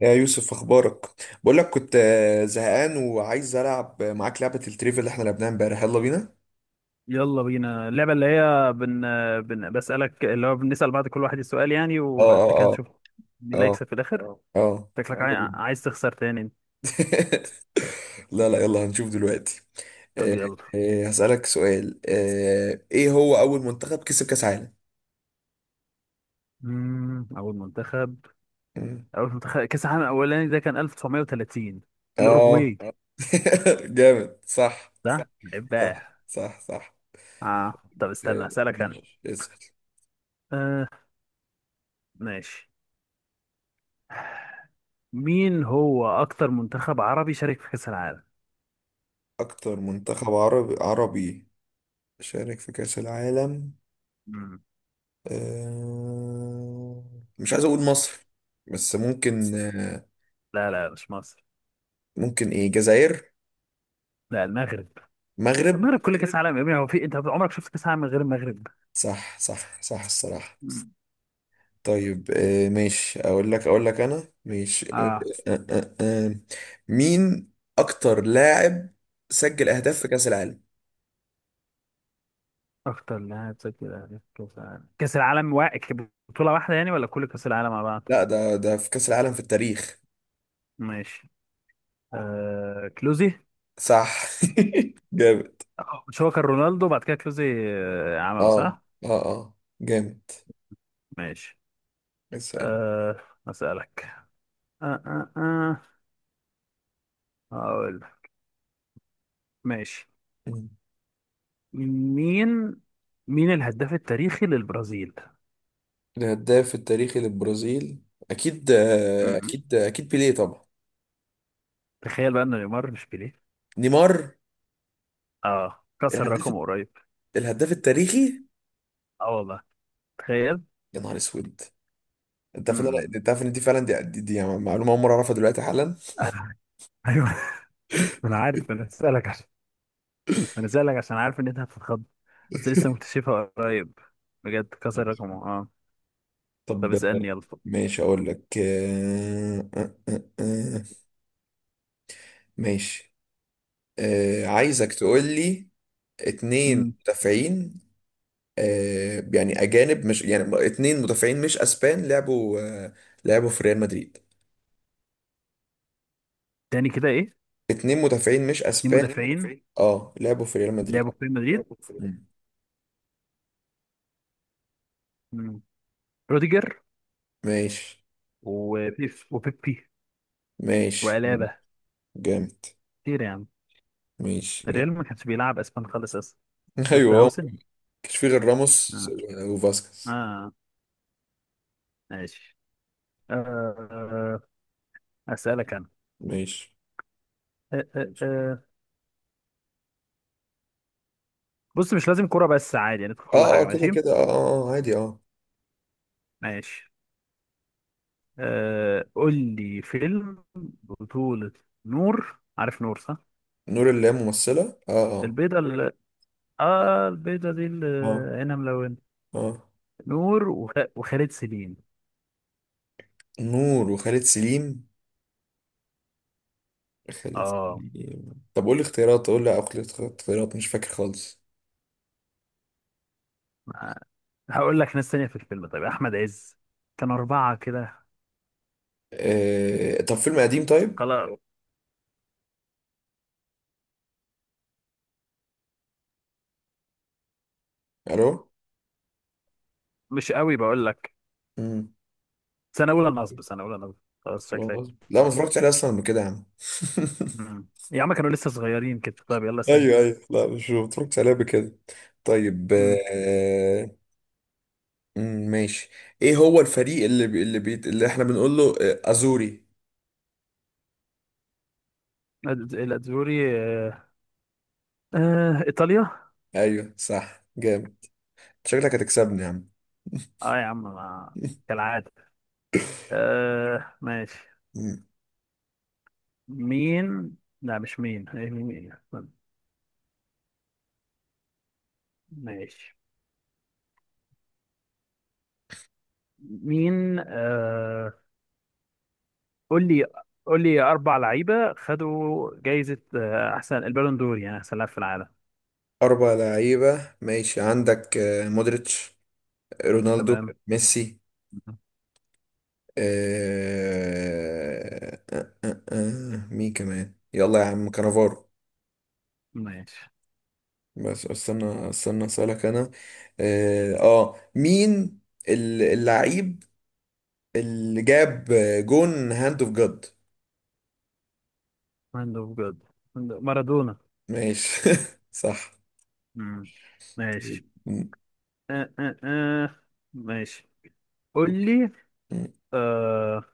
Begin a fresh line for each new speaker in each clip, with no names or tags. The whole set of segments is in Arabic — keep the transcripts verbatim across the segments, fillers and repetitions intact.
يا يوسف، اخبارك؟ بقول لك كنت آه، زهقان وعايز العب معاك لعبه التريفيا اللي احنا لعبناها امبارح. يلا بينا.
يلا بينا اللعبة اللي هي بن... بن... بسألك اللي هو بنسأل بعض، كل واحد السؤال يعني،
اه
وبعد
اه
كده
اه
نشوف مين اللي
اه
هيكسب في الآخر أه.
اه،
شكلك عاي...
يلا بينا.
عايز تخسر تاني انت.
لا لا، يلا هنشوف دلوقتي.
طب
آه،
يلا.
آه، هسألك سؤال، آه، ايه هو اول منتخب كسب كاس عالم؟
مم... أول منتخب
مم.
أول منتخب كأس العالم الأولاني ده كان ألف وتسعمائة وثلاثين،
اه.
الأوروجواي سهل.
جامد صح.
صح؟
صح
بقى.
صح صح.
اه طب
آه،
استنى أسألك أنا.
ماشي، اسأل.
آه ماشي. مين هو أكتر منتخب عربي شارك في كأس العالم؟
اكتر منتخب عربي عربي شارك في كاس العالم.
مم.
آه، مش عايز اقول مصر، بس ممكن. آه،
لا، لا، مش مصر.
ممكن ايه، جزائر.
لا، المغرب.
مغرب.
المغرب كل كأس عالم يا ابني، هو في انت عمرك شفت كأس عالم من غير المغرب؟
صح صح صح الصراحة. طيب، آه، ماشي، اقول لك اقول لك انا، ماشي. آه،
اه.
آه، آه، آه. آه. مين اكتر لاعب سجل اهداف في كأس العالم؟
اكتر لاعب سجل أهداف في كاس العالم، كاس العالم وا... بطولة واحدة يعني، ولا كل كاس العالم مع بعض؟
لا، ده ده في كأس العالم في التاريخ.
ماشي. آه... كلوزي.
صح. جامد.
آه، مش هو كان رونالدو بعد كده كلوزي؟ آه... عمله
اه
صح.
اه اه، جامد.
ماشي.
اسأل.
آه... اسالك. آه آه آه. هقول لك. ماشي. مين مين الهداف التاريخي للبرازيل؟
الهداف التاريخي للبرازيل؟ اكيد،
م-
آه،
م.
اكيد، آه، اكيد بيليه طبعا.
تخيل بقى ان نيمار مش بيليه.
نيمار.
اه كسر
الهداف
رقم قريب.
الهداف التاريخي.
اه والله تخيل.
يا نهار اسود. انت
م-
عارف إن أنا-
م.
انت عارف ان دي فعلا، دي, دي, دي يعني معلومه اول مره اعرفها دلوقتي حالا.
ايوه، انا عارف، انا اسالك. انا سألك عشان عارف ان انت هتتخض، بس لسه مكتشفها قريب. بجد كسر رقمه اه طب
طب
اسألني يلا.
ماشي، اقول لك آه، آه، آه، آه، ماشي. آه، عايزك تقول لي
مم.
اتنين مدافعين، آه، يعني اجانب، مش يعني اتنين مدافعين مش اسبان لعبوا، آه، لعبوا في ريال مدريد.
تاني كده، ايه؟ اتنين
اتنين مدافعين مش اسبان،
مدافعين
اه لعبوا في ريال
لعبوا
مدريد.
في ريال مدريد؟
مم.
مم. روديجر،
ماشي.
وبيب وبيبي،
ماشي، مم.
وألابا.
جامد.
كتير يعني.
ماشي، جامد.
الريال ما كانش بيلعب اسبان خالص اصلا. شفت
ايوه، هو
هاوسن.
مكانش فيه غير راموس
اه
و- وفاسكيز.
اه ماشي. آه. اسألك انا.
ماشي.
آه. آه. آه. بص، مش لازم كرة بس، عادي يعني في كل
اه اه
حاجة.
كده
ماشي
كده، اه اه، آه، عادي، اه.
ماشي آه قول لي فيلم بطولة نور. عارف نور؟ صح؟
نور اللي هي ممثلة، اه.
البيضة اللي، اه البيضة دي اللي
اه
عينها ملونة،
اه اه،
نور وخ... وخالد سليم.
نور وخالد سليم. خالد
اه.
سليم. طب قول لي اختيارات، قول لي، اقول لي اختيارات، مش فاكر خالص.
ما- هقول لك ناس تانية في الفيلم. طيب، أحمد عز. كان أربعة كده.
آه... طب فيلم قديم، طيب.
خلاص،
الو.
مش قوي بقول لك.
مم.
سنة أولى نصب، سنة أولى نصب. خلاص، شكلك.
لا، ما اتفرجتش عليه اصلا قبل كده يا عم.
مم. يا عم، كانوا لسه صغيرين كده. طيب يلا اسأل أنت.
ايوه ايوه، لا، مش ما بتفرجش عليها بكده. طيب.
مم.
آه... مم، ماشي. ايه هو الفريق اللي بي... اللي بي... اللي احنا بنقول له آه، ازوري؟
الأد- الأدزوري. آه... آه... إيطاليا.
ايوه صح، جامد. شكلك هتكسبني يا عم.
اه يا عم، ما- كالعادة. آه ماشي.
مم.
مين، لا مش مين، هي مين. ماشي. مين؟ آه قول لي قول لي أربع لعيبة خدوا جايزة، آه أحسن البالون دور، يعني أحسن لاعب في العالم.
اربع لعيبة، ماشي. عندك آه، مودريتش، رونالدو،
تمام.
ميسي، آه... آه... آه... آه... مين كمان؟ يلا يا عم، كانافارو.
ماشي.
بس استنى استنى، اسالك انا. اه، آه، مين ال- اللعيب اللي جاب جون هاند اوف جاد؟
هاند؟ بجد. مارادونا.
ماشي. صح.
مم. ماشي.
م-
آه آه آه. ماشي، قول لي
م-
آه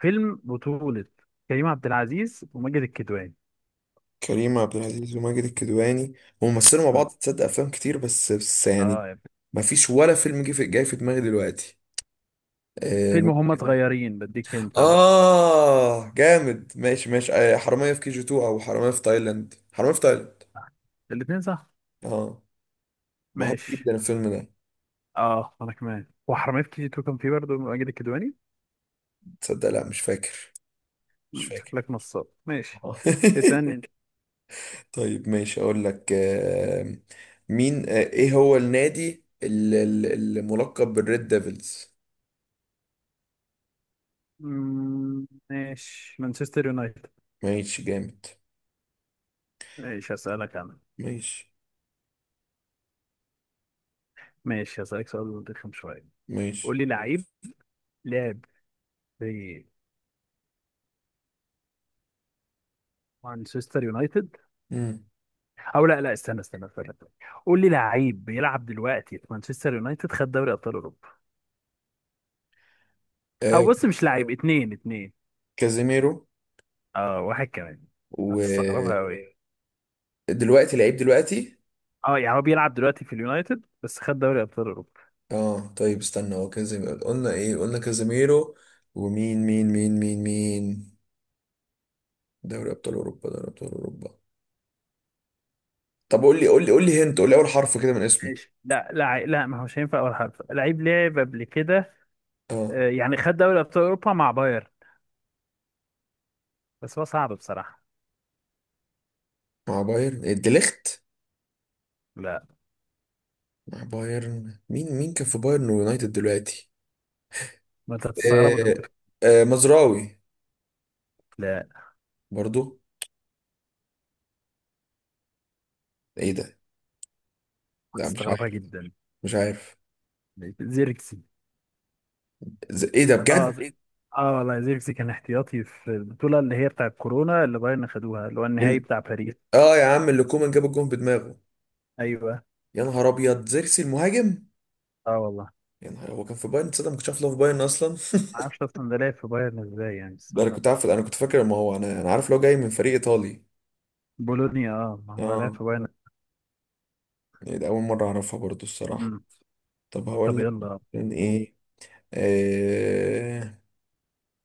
فيلم بطولة كريم عبد العزيز وماجد الكدواني.
كريم عبد العزيز وماجد الكدواني، هم مثلوا مع
مم.
بعض، تصدق افلام كتير، بس بس يعني
اه،
ما فيش ولا فيلم جه في جاي في دماغي دلوقتي. آه م-
فيلم هما صغيرين، بديك انت.
آه، جامد، ماشي ماشي، آه، حرامية في كي جي اتنين او حرامية في تايلاند، حرامية في تايلاند.
الاتنين صح.
اه، بحب
ماشي.
جدا الفيلم ده.
اه، انا كمان. وحرامية كي جي اتنين كان فيه برضه ماجد الكدواني.
تصدق، لا مش فاكر، مش
مم،
فاكر.
شكلك نصاب. ماشي،
آه.
اسألني انت.
طيب، ماشي، اقول لك آه، مين، آه، ايه هو النادي ال- ال- الملقب بالريد ديفلز؟
مم، ماشي، مانشستر يونايتد.
ماشي، جامد.
ماشي، هسألك انا.
ماشي
ماشي، هسألك سؤال رخم شوية. قول
ماشي.
لي لعيب لعب في مانشستر يونايتد.
مم.
او لا، لا، استنى استنى استنى، قول لي لعيب بيلعب دلوقتي في مانشستر يونايتد خد دوري ابطال اوروبا. او
آه
بص، مش لعيب، اتنين، اتنين،
كازيميرو.
اه واحد كمان. هتستغربها
ودلوقتي،
قوي.
لعيب دلوقتي،
اه يعني هو بيلعب دلوقتي في اليونايتد، بس خد دوري ابطال اوروبا.
اه. طيب استنى، هو كازيميرو قلنا، ايه قلنا، كازيميرو. ومين مين مين مين مين؟ دوري ابطال اوروبا، دوري ابطال اوروبا. طب قول لي قول لي قول لي، هنت قول لي اول حرف كده من اسمه.
ماشي، لا، لا، عي- لا، ما هوش هينفع اول حرف، لعيب لعب قبل كده.
اه،
آه، يعني خد دوري ابطال اوروبا مع باير. بس هو صعب بصراحه.
مع بايرن، إيه، ديليخت؟
لا،
مع بايرن مين مين كان في بايرن ويونايتد دلوقتي؟
ما انت هتستغربه ده
آه
ممكن.
آه مزراوي،
لا،
برضو. ايه ده. لا مش
هتستغربها
عارف،
جدا.
مش عارف.
زيركسي.
ز- ايه ده
اه،
بجد؟
زي- اه والله، زيركسي كان احتياطي في البطوله اللي هي بتاع كورونا، اللي بايرن خدوها، اللي هو النهائي
الم-
بتاع باريس.
اه يا عم، اللي كومان جاب الجون بدماغه.
ايوه.
يا نهار ابيض، زيركسي المهاجم.
اه والله
يا نهار، هو كان في بايرن تصدق؟ ما كنتش عارف إن هو في بايرن اصلا.
ما اعرفش اصلا ده لعب في بايرن ازاي يعني
ده
السنه
انا
دي.
كنت عارف، انا كنت فاكر، ما هو انا انا عارف لو جاي من فريق ايطالي.
بولونيا. اه ما هو لعب
اه.
في بايرن.
إيه ده، اول مره اعرفها برضو الصراحه.
مم.
طب هقول
طب
لك
يلا.
كان ايه. آه...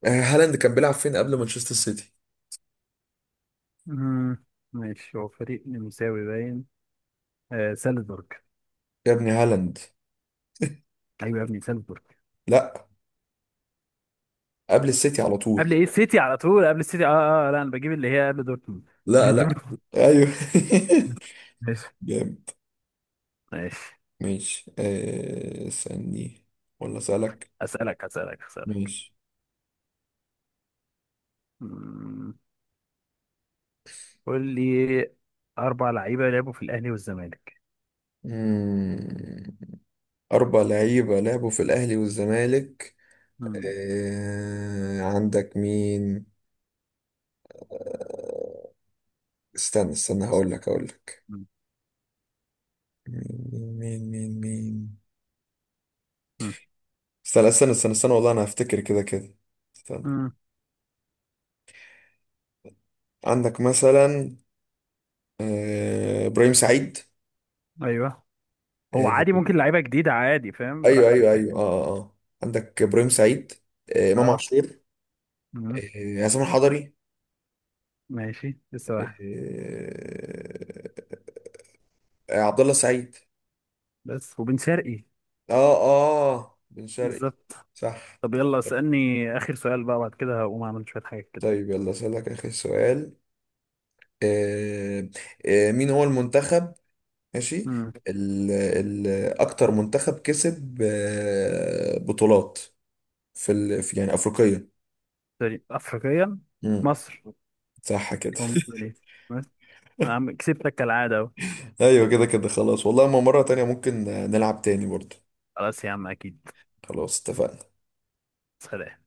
آه، هالاند كان بيلعب فين قبل مانشستر سيتي؟
مم. ماشي، هو فريق نمساوي باين. آه سالزبورج.
يا ابني هالاند.
ايوه يا ابني، سالزبورج.
لا، قبل السيتي على طول.
قبل ايه السيتي على طول؟ قبل السيتي اه اه آه، لا، انا بجيب اللي هي قبل دورتموند.
لا
من
لا.
دورتموند.
ايوه.
ماشي
جامد.
ماشي
ماشي، آه، استني، ولا اسالك؟
اسالك، اسالك، اسالك.
ماشي.
مم. قول لي، اربع لعيبه لعبوا في الاهلي والزمالك.
مم. اربع لعيبه لعبوا في الاهلي والزمالك.
مم.
آه، عندك مين؟ استنى استنى، هقول لك هقول لك
مم.
مين مين مين مين
مم.
استنى استنى استنى استنى، والله انا هفتكر كده كده. استنى.
مم.
عندك مثلا آه، ابراهيم سعيد،
ايوه. هو
آه،
عادي، ممكن لعيبه جديده عادي، فاهم،
ايوه ايوه
براحتك يعني.
ايوه، اه اه آه. عندك ابراهيم سعيد، آه، امام اه
اه.
عاشور،
مم.
آه، عصام الحضري،
ماشي، لسه واحد.
آه، آه، عبد الله سعيد.
بس وبن شرقي.
اه، اه بن شرقي.
بالظبط.
صح.
طب يلا، اسألني آخر سؤال بقى، بعد كده هقوم أعمل شوية حاجات كده.
طيب يلا اسالك اخر سؤال، آه، آه، مين هو المنتخب، ماشي،
امم
ال ال اكتر منتخب كسب آه، بطولات في ال في يعني افريقيه؟
سوري، أفريقيا.
مم،
مصر.
صح كده.
ومصر. عم، كسبتك كالعادة أهو.
ايوه كده كده، خلاص والله، ما مره تانية ممكن نلعب تاني برضه.
خلاص يا عم، أكيد.
خلاص اتفقنا.
سلام.